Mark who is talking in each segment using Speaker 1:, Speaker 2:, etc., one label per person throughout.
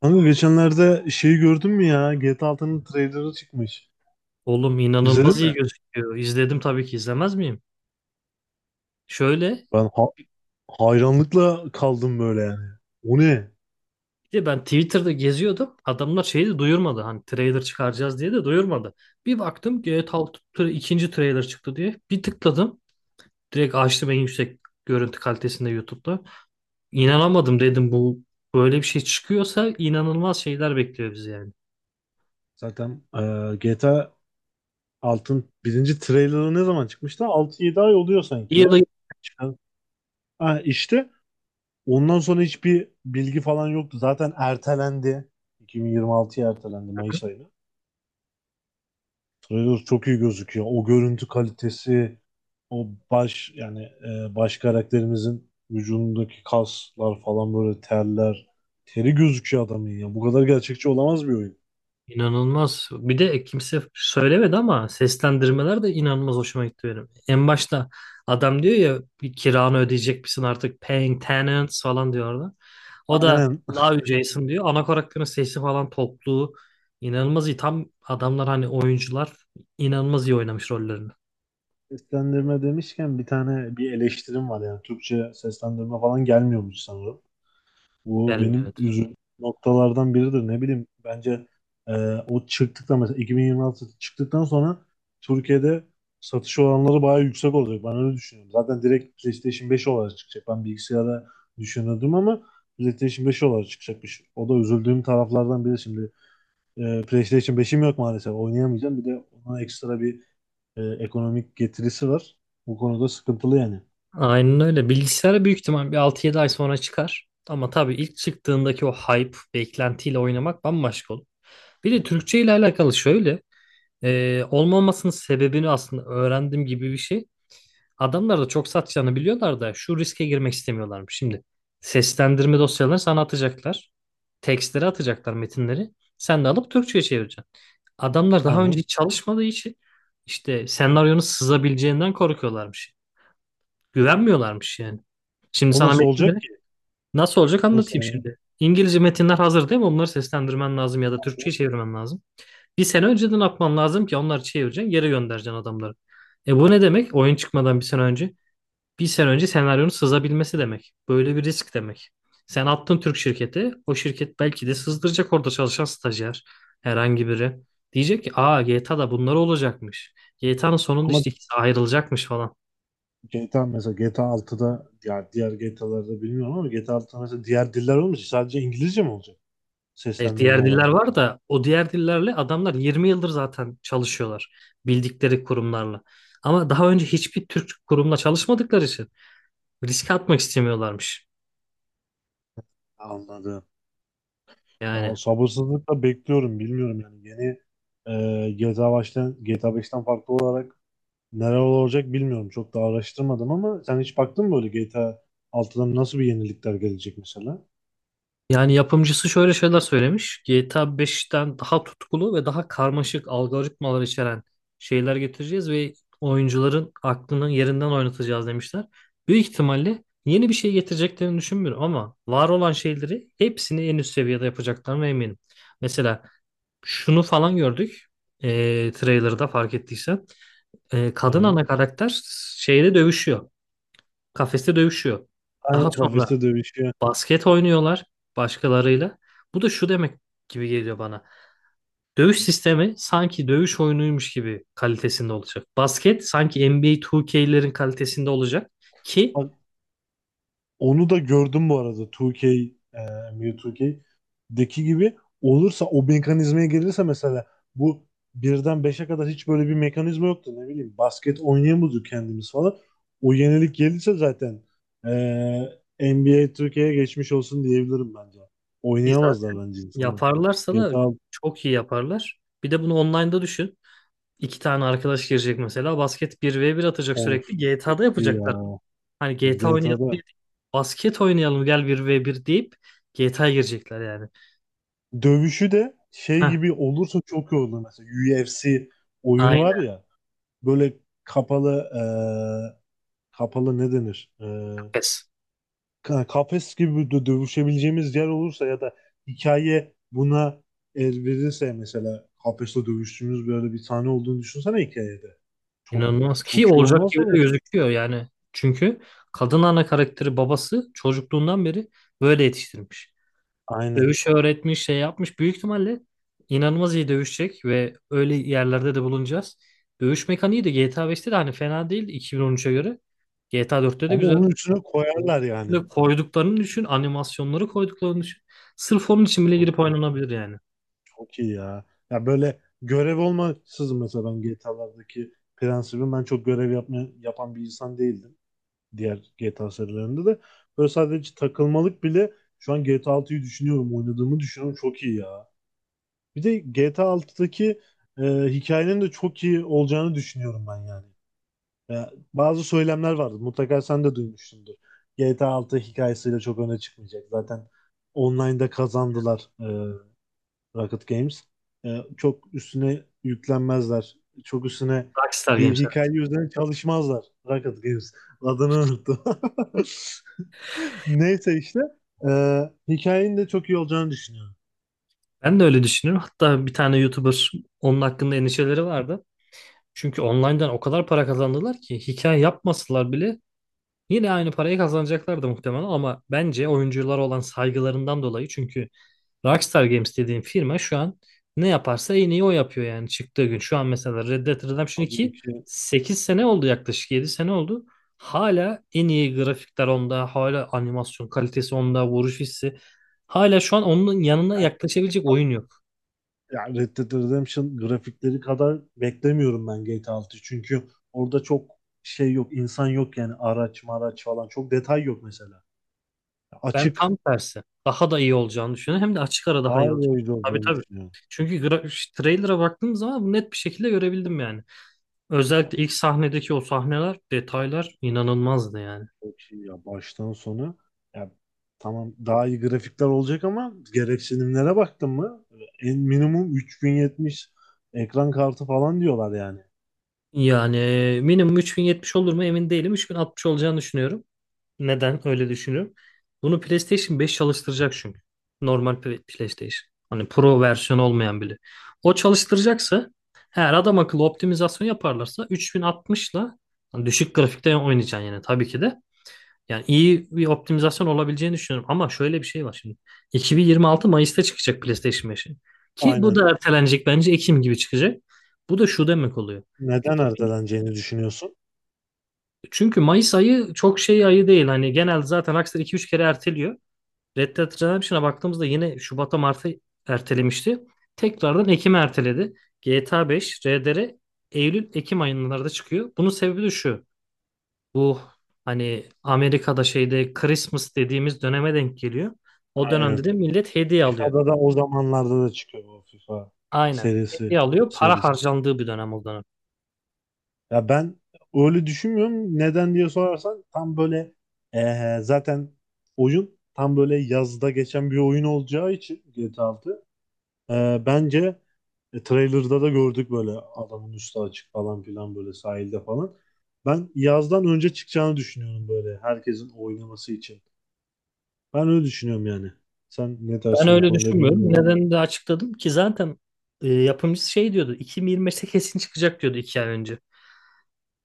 Speaker 1: Kanka geçenlerde şeyi gördün mü ya? GTA altının trailerı çıkmış.
Speaker 2: Oğlum inanılmaz
Speaker 1: İzledin
Speaker 2: iyi
Speaker 1: mi?
Speaker 2: gözüküyor. İzledim, tabii ki izlemez miyim? Şöyle,
Speaker 1: Ben hayranlıkla kaldım böyle yani. O ne?
Speaker 2: bir de ben Twitter'da geziyordum. Adamlar şeyi de duyurmadı. Hani trailer çıkaracağız diye de duyurmadı. Bir baktım GTA 6 ikinci trailer çıktı diye. Bir tıkladım. Direkt açtım en yüksek görüntü kalitesinde YouTube'da. İnanamadım, dedim bu böyle bir şey çıkıyorsa inanılmaz şeyler bekliyor bizi yani.
Speaker 1: Zaten GTA 6'nın birinci trailerı ne zaman çıkmıştı? Altı yedi ay oluyor
Speaker 2: İyi
Speaker 1: sanki
Speaker 2: ya da
Speaker 1: ya. Çıkan. Ha, işte ondan sonra hiçbir bilgi falan yoktu. Zaten ertelendi. 2026'ya ertelendi Mayıs ayına. Trailer çok iyi gözüküyor. O görüntü kalitesi, o baş yani baş karakterimizin vücudundaki kaslar falan böyle terler. Teri gözüküyor adamın ya. Bu kadar gerçekçi olamaz bir oyun.
Speaker 2: İnanılmaz. Bir de kimse söylemedi ama seslendirmeler de inanılmaz hoşuma gitti benim. En başta adam diyor ya, bir kiranı ödeyecek misin artık, paying tenants falan diyor orada. O da
Speaker 1: Aynen.
Speaker 2: Love Jason diyor. Ana karakterin sesi falan topluğu inanılmaz iyi. Tam adamlar hani oyuncular inanılmaz iyi oynamış rollerini.
Speaker 1: Seslendirme demişken bir tane bir eleştirim var yani. Türkçe seslendirme falan gelmiyormuş sanırım. Bu
Speaker 2: Gelmiyor.
Speaker 1: benim
Speaker 2: Evet.
Speaker 1: üzüldüğüm noktalardan biridir. Ne bileyim bence e, o çıktıktan mesela 2026 çıktıktan sonra Türkiye'de satış oranları bayağı yüksek olacak. Ben öyle düşünüyorum. Zaten direkt PlayStation 5 olarak çıkacak. Ben bilgisayara düşünüyordum ama PlayStation 5 olarak çıkacakmış. O da üzüldüğüm taraflardan biri şimdi. PlayStation 5'im yok maalesef. Oynayamayacağım. Bir de ona ekstra bir ekonomik getirisi var. Bu konuda sıkıntılı yani.
Speaker 2: Aynen öyle. Bilgisayara büyük ihtimal bir altı yedi ay sonra çıkar. Ama tabii ilk çıktığındaki o hype, beklentiyle oynamak bambaşka olur. Bir de Türkçe ile alakalı şöyle. Olmamasının sebebini aslında öğrendim gibi bir şey. Adamlar da çok satacağını biliyorlar da şu riske girmek istemiyorlarmış. Şimdi seslendirme dosyalarını sana atacaklar. Tekstleri atacaklar, metinleri. Sen de alıp Türkçe'ye çevireceksin. Adamlar daha önce
Speaker 1: Aynen.
Speaker 2: hiç çalışmadığı için işte senaryonun sızabileceğinden korkuyorlarmış. Güvenmiyorlarmış yani. Şimdi
Speaker 1: O
Speaker 2: sana
Speaker 1: nasıl
Speaker 2: metinleri
Speaker 1: olacak ki?
Speaker 2: nasıl olacak
Speaker 1: Nasıl
Speaker 2: anlatayım
Speaker 1: yani?
Speaker 2: şimdi. İngilizce metinler hazır değil mi? Onları seslendirmen lazım ya da Türkçe'ye çevirmen lazım. Bir sene önceden atman lazım ki onları çevireceksin, geri göndereceksin adamları. E bu ne demek? Oyun çıkmadan bir sene önce. Bir sene önce senaryonun sızabilmesi demek. Böyle bir risk demek. Sen attın Türk şirketi, o şirket belki de sızdıracak, orada çalışan stajyer, herhangi biri. Diyecek ki, aa G T A da bunlar olacakmış. GTA'nın sonunda
Speaker 1: Ama
Speaker 2: işte ikisi ayrılacakmış falan.
Speaker 1: GTA mesela GTA altıda ya diğer GTA'larda bilmiyorum ama GTA altıda mesela diğer diller olmayacak. Sadece İngilizce mi olacak?
Speaker 2: Hayır,
Speaker 1: Seslendirme
Speaker 2: diğer diller
Speaker 1: olarak.
Speaker 2: var da o diğer dillerle adamlar 20 yıldır zaten çalışıyorlar. Bildikleri kurumlarla. Ama daha önce hiçbir Türk kurumla çalışmadıkları için risk atmak istemiyorlarmış.
Speaker 1: Anladım.
Speaker 2: Yani
Speaker 1: Ya sabırsızlıkla bekliyorum. Bilmiyorum yani yeni GTA 5'ten farklı olarak neler olacak bilmiyorum. Çok da araştırmadım ama sen hiç baktın mı böyle GTA 6'dan nasıl bir yenilikler gelecek mesela?
Speaker 2: yapımcısı şöyle şeyler söylemiş. GTA 5'ten daha tutkulu ve daha karmaşık algoritmalar içeren şeyler getireceğiz ve oyuncuların aklını yerinden oynatacağız demişler. Büyük ihtimalle yeni bir şey getireceklerini düşünmüyorum ama var olan şeyleri hepsini en üst seviyede yapacaklarına eminim. Mesela şunu falan gördük. Trailer'da fark ettiysen. Kadın
Speaker 1: Aynen.
Speaker 2: ana karakter şeyde dövüşüyor. Kafeste dövüşüyor. Daha
Speaker 1: Aynen
Speaker 2: sonra
Speaker 1: kafeste dövüşüyor.
Speaker 2: basket oynuyorlar başkalarıyla. Bu da şu demek gibi geliyor bana. Dövüş sistemi sanki dövüş oyunuymuş gibi kalitesinde olacak. Basket sanki NBA 2K'lerin kalitesinde olacak ki
Speaker 1: Bak, onu da gördüm bu arada 2K, NBA 2K'deki gibi olursa o mekanizmaya gelirse mesela bu birden beşe kadar hiç böyle bir mekanizma yoktu ne bileyim basket oynayamıyorduk kendimiz falan. O yenilik gelirse zaten e, NBA 2K'ye geçmiş olsun diyebilirim bence.
Speaker 2: biz zaten
Speaker 1: Oynayamazlar bence insanlar.
Speaker 2: yaparlarsa da
Speaker 1: GTA
Speaker 2: çok iyi yaparlar. Bir de bunu online'da düşün. İki tane arkadaş girecek mesela, basket bir ve bir atacak
Speaker 1: of
Speaker 2: sürekli.
Speaker 1: çok
Speaker 2: GTA'da
Speaker 1: iyi
Speaker 2: yapacaklar.
Speaker 1: ya.
Speaker 2: Hani GTA oynayalım
Speaker 1: GTA'da
Speaker 2: diye değil, basket oynayalım gel bir ve bir deyip GTA'ya girecekler yani.
Speaker 1: dövüşü de şey
Speaker 2: Heh,
Speaker 1: gibi olursa çok iyi olur mesela UFC oyunu var
Speaker 2: aynen.
Speaker 1: ya böyle kapalı kapalı ne denir? E,
Speaker 2: Pes.
Speaker 1: ka- kafes gibi de dövüşebileceğimiz yer olursa ya da hikaye buna el verirse mesela kafeste dövüştüğümüz böyle bir sahne olduğunu düşünsene hikayede. Çok
Speaker 2: İnanılmaz, ki
Speaker 1: çok iyi
Speaker 2: olacak
Speaker 1: olmaz
Speaker 2: gibi
Speaker 1: mı
Speaker 2: de
Speaker 1: mesela?
Speaker 2: gözüküyor yani. Çünkü kadın ana karakteri babası çocukluğundan beri böyle yetiştirmiş.
Speaker 1: Aynen.
Speaker 2: Dövüş öğretmiş, şey yapmış. Büyük ihtimalle inanılmaz iyi dövüşecek ve öyle yerlerde de bulunacağız. Dövüş mekaniği de GTA 5'te de hani fena değil 2013'e göre. GTA 4'te de
Speaker 1: Ama
Speaker 2: güzel.
Speaker 1: onun üstüne koyarlar yani.
Speaker 2: Ve koyduklarını düşün, animasyonları koyduklarını düşün. Sırf onun için bile
Speaker 1: Çok
Speaker 2: girip
Speaker 1: iyi,
Speaker 2: oynanabilir yani.
Speaker 1: çok iyi ya. Ya böyle görev olmaksızın mesela ben GTA'lardaki prensibim ben çok görev yapma, yapan bir insan değildim. Diğer GTA serilerinde de. Böyle sadece takılmalık bile şu an GTA altıyı düşünüyorum. Oynadığımı düşünüyorum. Çok iyi ya. Bir de GTA altıdaki e, hikayenin de çok iyi olacağını düşünüyorum ben yani. Ya, bazı söylemler vardı. Mutlaka sen de duymuşsundur. GTA 6 hikayesiyle çok öne çıkmayacak. Zaten online'da kazandılar Rocket Games. Çok üstüne yüklenmezler. Çok üstüne
Speaker 2: Rockstar
Speaker 1: bir
Speaker 2: Games'e.
Speaker 1: hikaye üzerine çalışmazlar. Rocket Games. Adını unuttum. Neyse işte e, hikayenin de çok iyi olacağını düşünüyorum.
Speaker 2: Ben de öyle düşünüyorum. Hatta bir tane YouTuber onun hakkında endişeleri vardı. Çünkü online'dan o kadar para kazandılar ki hikaye yapmasalar bile yine aynı parayı kazanacaklardı muhtemelen, ama bence oyunculara olan saygılarından dolayı, çünkü Rockstar Games dediğim firma şu an ne yaparsa en iyi o yapıyor yani çıktığı gün. Şu an mesela Red Dead Redemption
Speaker 1: Tabii
Speaker 2: 2
Speaker 1: ki
Speaker 2: 8 sene oldu, yaklaşık 7 sene oldu. Hala en iyi grafikler onda, hala animasyon kalitesi onda, vuruş hissi. Hala şu an onun yanına
Speaker 1: yani
Speaker 2: yaklaşabilecek oyun yok.
Speaker 1: yani Red Dead Redemption grafikleri kadar beklemiyorum ben GTA 6'yı. Çünkü orada çok şey yok, insan yok yani araç maraç falan. Çok detay yok mesela.
Speaker 2: Ben
Speaker 1: Açık,
Speaker 2: tam tersi. Daha da iyi olacağını düşünüyorum. Hem de açık ara daha iyi
Speaker 1: daha iyi
Speaker 2: olacak.
Speaker 1: oyuncu
Speaker 2: Tabii
Speaker 1: olacağını
Speaker 2: tabii.
Speaker 1: düşünüyorum.
Speaker 2: Çünkü trailer'a baktığım zaman bunu net bir şekilde görebildim yani. Özellikle ilk sahnedeki o sahneler, detaylar inanılmazdı yani.
Speaker 1: Çok iyi ya baştan sona. Ya, tamam daha iyi grafikler olacak ama gereksinimlere baktın mı? En minimum 3070 ekran kartı falan diyorlar yani.
Speaker 2: Yani minimum 3070 olur mu, emin değilim. 3060 olacağını düşünüyorum. Neden öyle düşünüyorum? Bunu PlayStation 5 çalıştıracak çünkü. Normal PlayStation. Hani Pro versiyonu olmayan bile. O çalıştıracaksa eğer, adam akıllı optimizasyon yaparlarsa 3060'la hani düşük grafikte oynayacaksın yani tabii ki de. Yani iyi bir optimizasyon olabileceğini düşünüyorum. Ama şöyle bir şey var şimdi. 2026 Mayıs'ta çıkacak PlayStation 5'in. Ki bu
Speaker 1: Aynen.
Speaker 2: da ertelenecek bence, Ekim gibi çıkacak. Bu da şu demek oluyor.
Speaker 1: Neden
Speaker 2: 2000
Speaker 1: erteleneceğini düşünüyorsun?
Speaker 2: Çünkü Mayıs ayı çok şey ayı değil. Hani genelde zaten Rockstar iki üç kere erteliyor. Red Dead Redemption'a baktığımızda yine Şubat'a, Mart'a ertelemişti. Tekrardan Ekim'e erteledi. GTA 5, RDR Eylül-Ekim aylarında çıkıyor. Bunun sebebi de şu. Bu hani Amerika'da şeyde Christmas dediğimiz döneme denk geliyor. O
Speaker 1: Aynen.
Speaker 2: dönemde de millet hediye alıyor.
Speaker 1: FIFA'da da o zamanlarda da çıkıyor o FIFA
Speaker 2: Aynen.
Speaker 1: serisi,
Speaker 2: Hediye
Speaker 1: bu
Speaker 2: alıyor. Para
Speaker 1: serisi.
Speaker 2: harcandığı bir dönem o dönem.
Speaker 1: Ya ben öyle düşünmüyorum. Neden diye sorarsan tam böyle Zaten oyun tam böyle yazda geçen bir oyun olacağı için GTA 6. Bence trailer'da da gördük böyle adamın üstü açık falan filan böyle sahilde falan. Ben yazdan önce çıkacağını düşünüyorum böyle herkesin oynaması için. Ben öyle düşünüyorum yani. Sen ne
Speaker 2: Ben
Speaker 1: dersin bu
Speaker 2: öyle
Speaker 1: konuda
Speaker 2: düşünmüyorum.
Speaker 1: bilmiyorum.
Speaker 2: Nedenini de açıkladım ki zaten. Yapımcısı şey diyordu, 2025'te kesin çıkacak diyordu iki ay önce.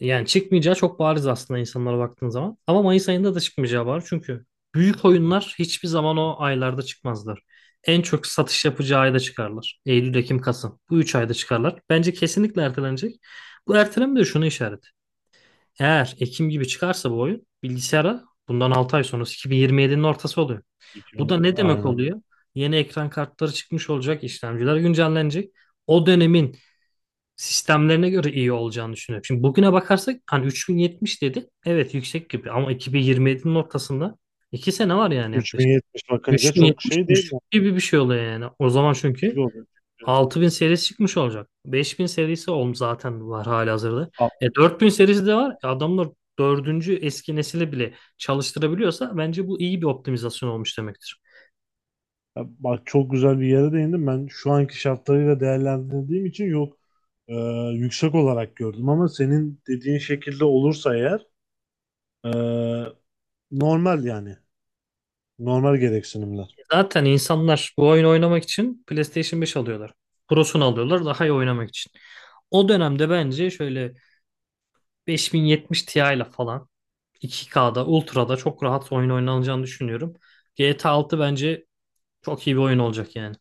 Speaker 2: Yani çıkmayacağı çok bariz aslında insanlara baktığın zaman. Ama Mayıs ayında da çıkmayacağı var. Çünkü büyük oyunlar hiçbir zaman o aylarda çıkmazlar. En çok satış yapacağı ayda çıkarlar. Eylül, Ekim, Kasım. Bu üç ayda çıkarlar. Bence kesinlikle ertelenecek. Bu erteleme de şunu işaret. Eğer Ekim gibi çıkarsa bu oyun, bilgisayara bundan 6 ay sonrası 2027'nin ortası oluyor. Bu da
Speaker 1: 2000,
Speaker 2: ne demek
Speaker 1: aynen.
Speaker 2: oluyor? Yeni ekran kartları çıkmış olacak, işlemciler güncellenecek. O dönemin sistemlerine göre iyi olacağını düşünüyorum. Şimdi bugüne bakarsak hani 3070 dedi. Evet yüksek gibi, ama 2027'nin ortasında 2 sene var yani
Speaker 1: Üç bin
Speaker 2: yaklaşık.
Speaker 1: yetmiş bakınca çok
Speaker 2: 3070
Speaker 1: şey değil mi?
Speaker 2: düşük gibi bir şey oluyor yani. O zaman
Speaker 1: Düşük
Speaker 2: çünkü
Speaker 1: oluyor. Çünkü-
Speaker 2: 6000 serisi çıkmış olacak. 5000 serisi zaten var halihazırda.
Speaker 1: Aa,
Speaker 2: E 4000 serisi de var. Adamlar dördüncü eski nesile bile çalıştırabiliyorsa bence bu iyi bir optimizasyon olmuş demektir.
Speaker 1: bak çok güzel bir yere değindim. Ben şu anki şartlarıyla değerlendirdiğim için yok e, yüksek olarak gördüm ama senin dediğin şekilde olursa eğer e, normal yani. Normal gereksinimler.
Speaker 2: Zaten insanlar bu oyunu oynamak için PlayStation 5 alıyorlar. Pro'sunu alıyorlar daha iyi oynamak için. O dönemde bence şöyle 5070 Ti ile falan 2K'da, Ultra'da çok rahat oyun oynanacağını düşünüyorum. GTA 6 bence çok iyi bir oyun olacak yani.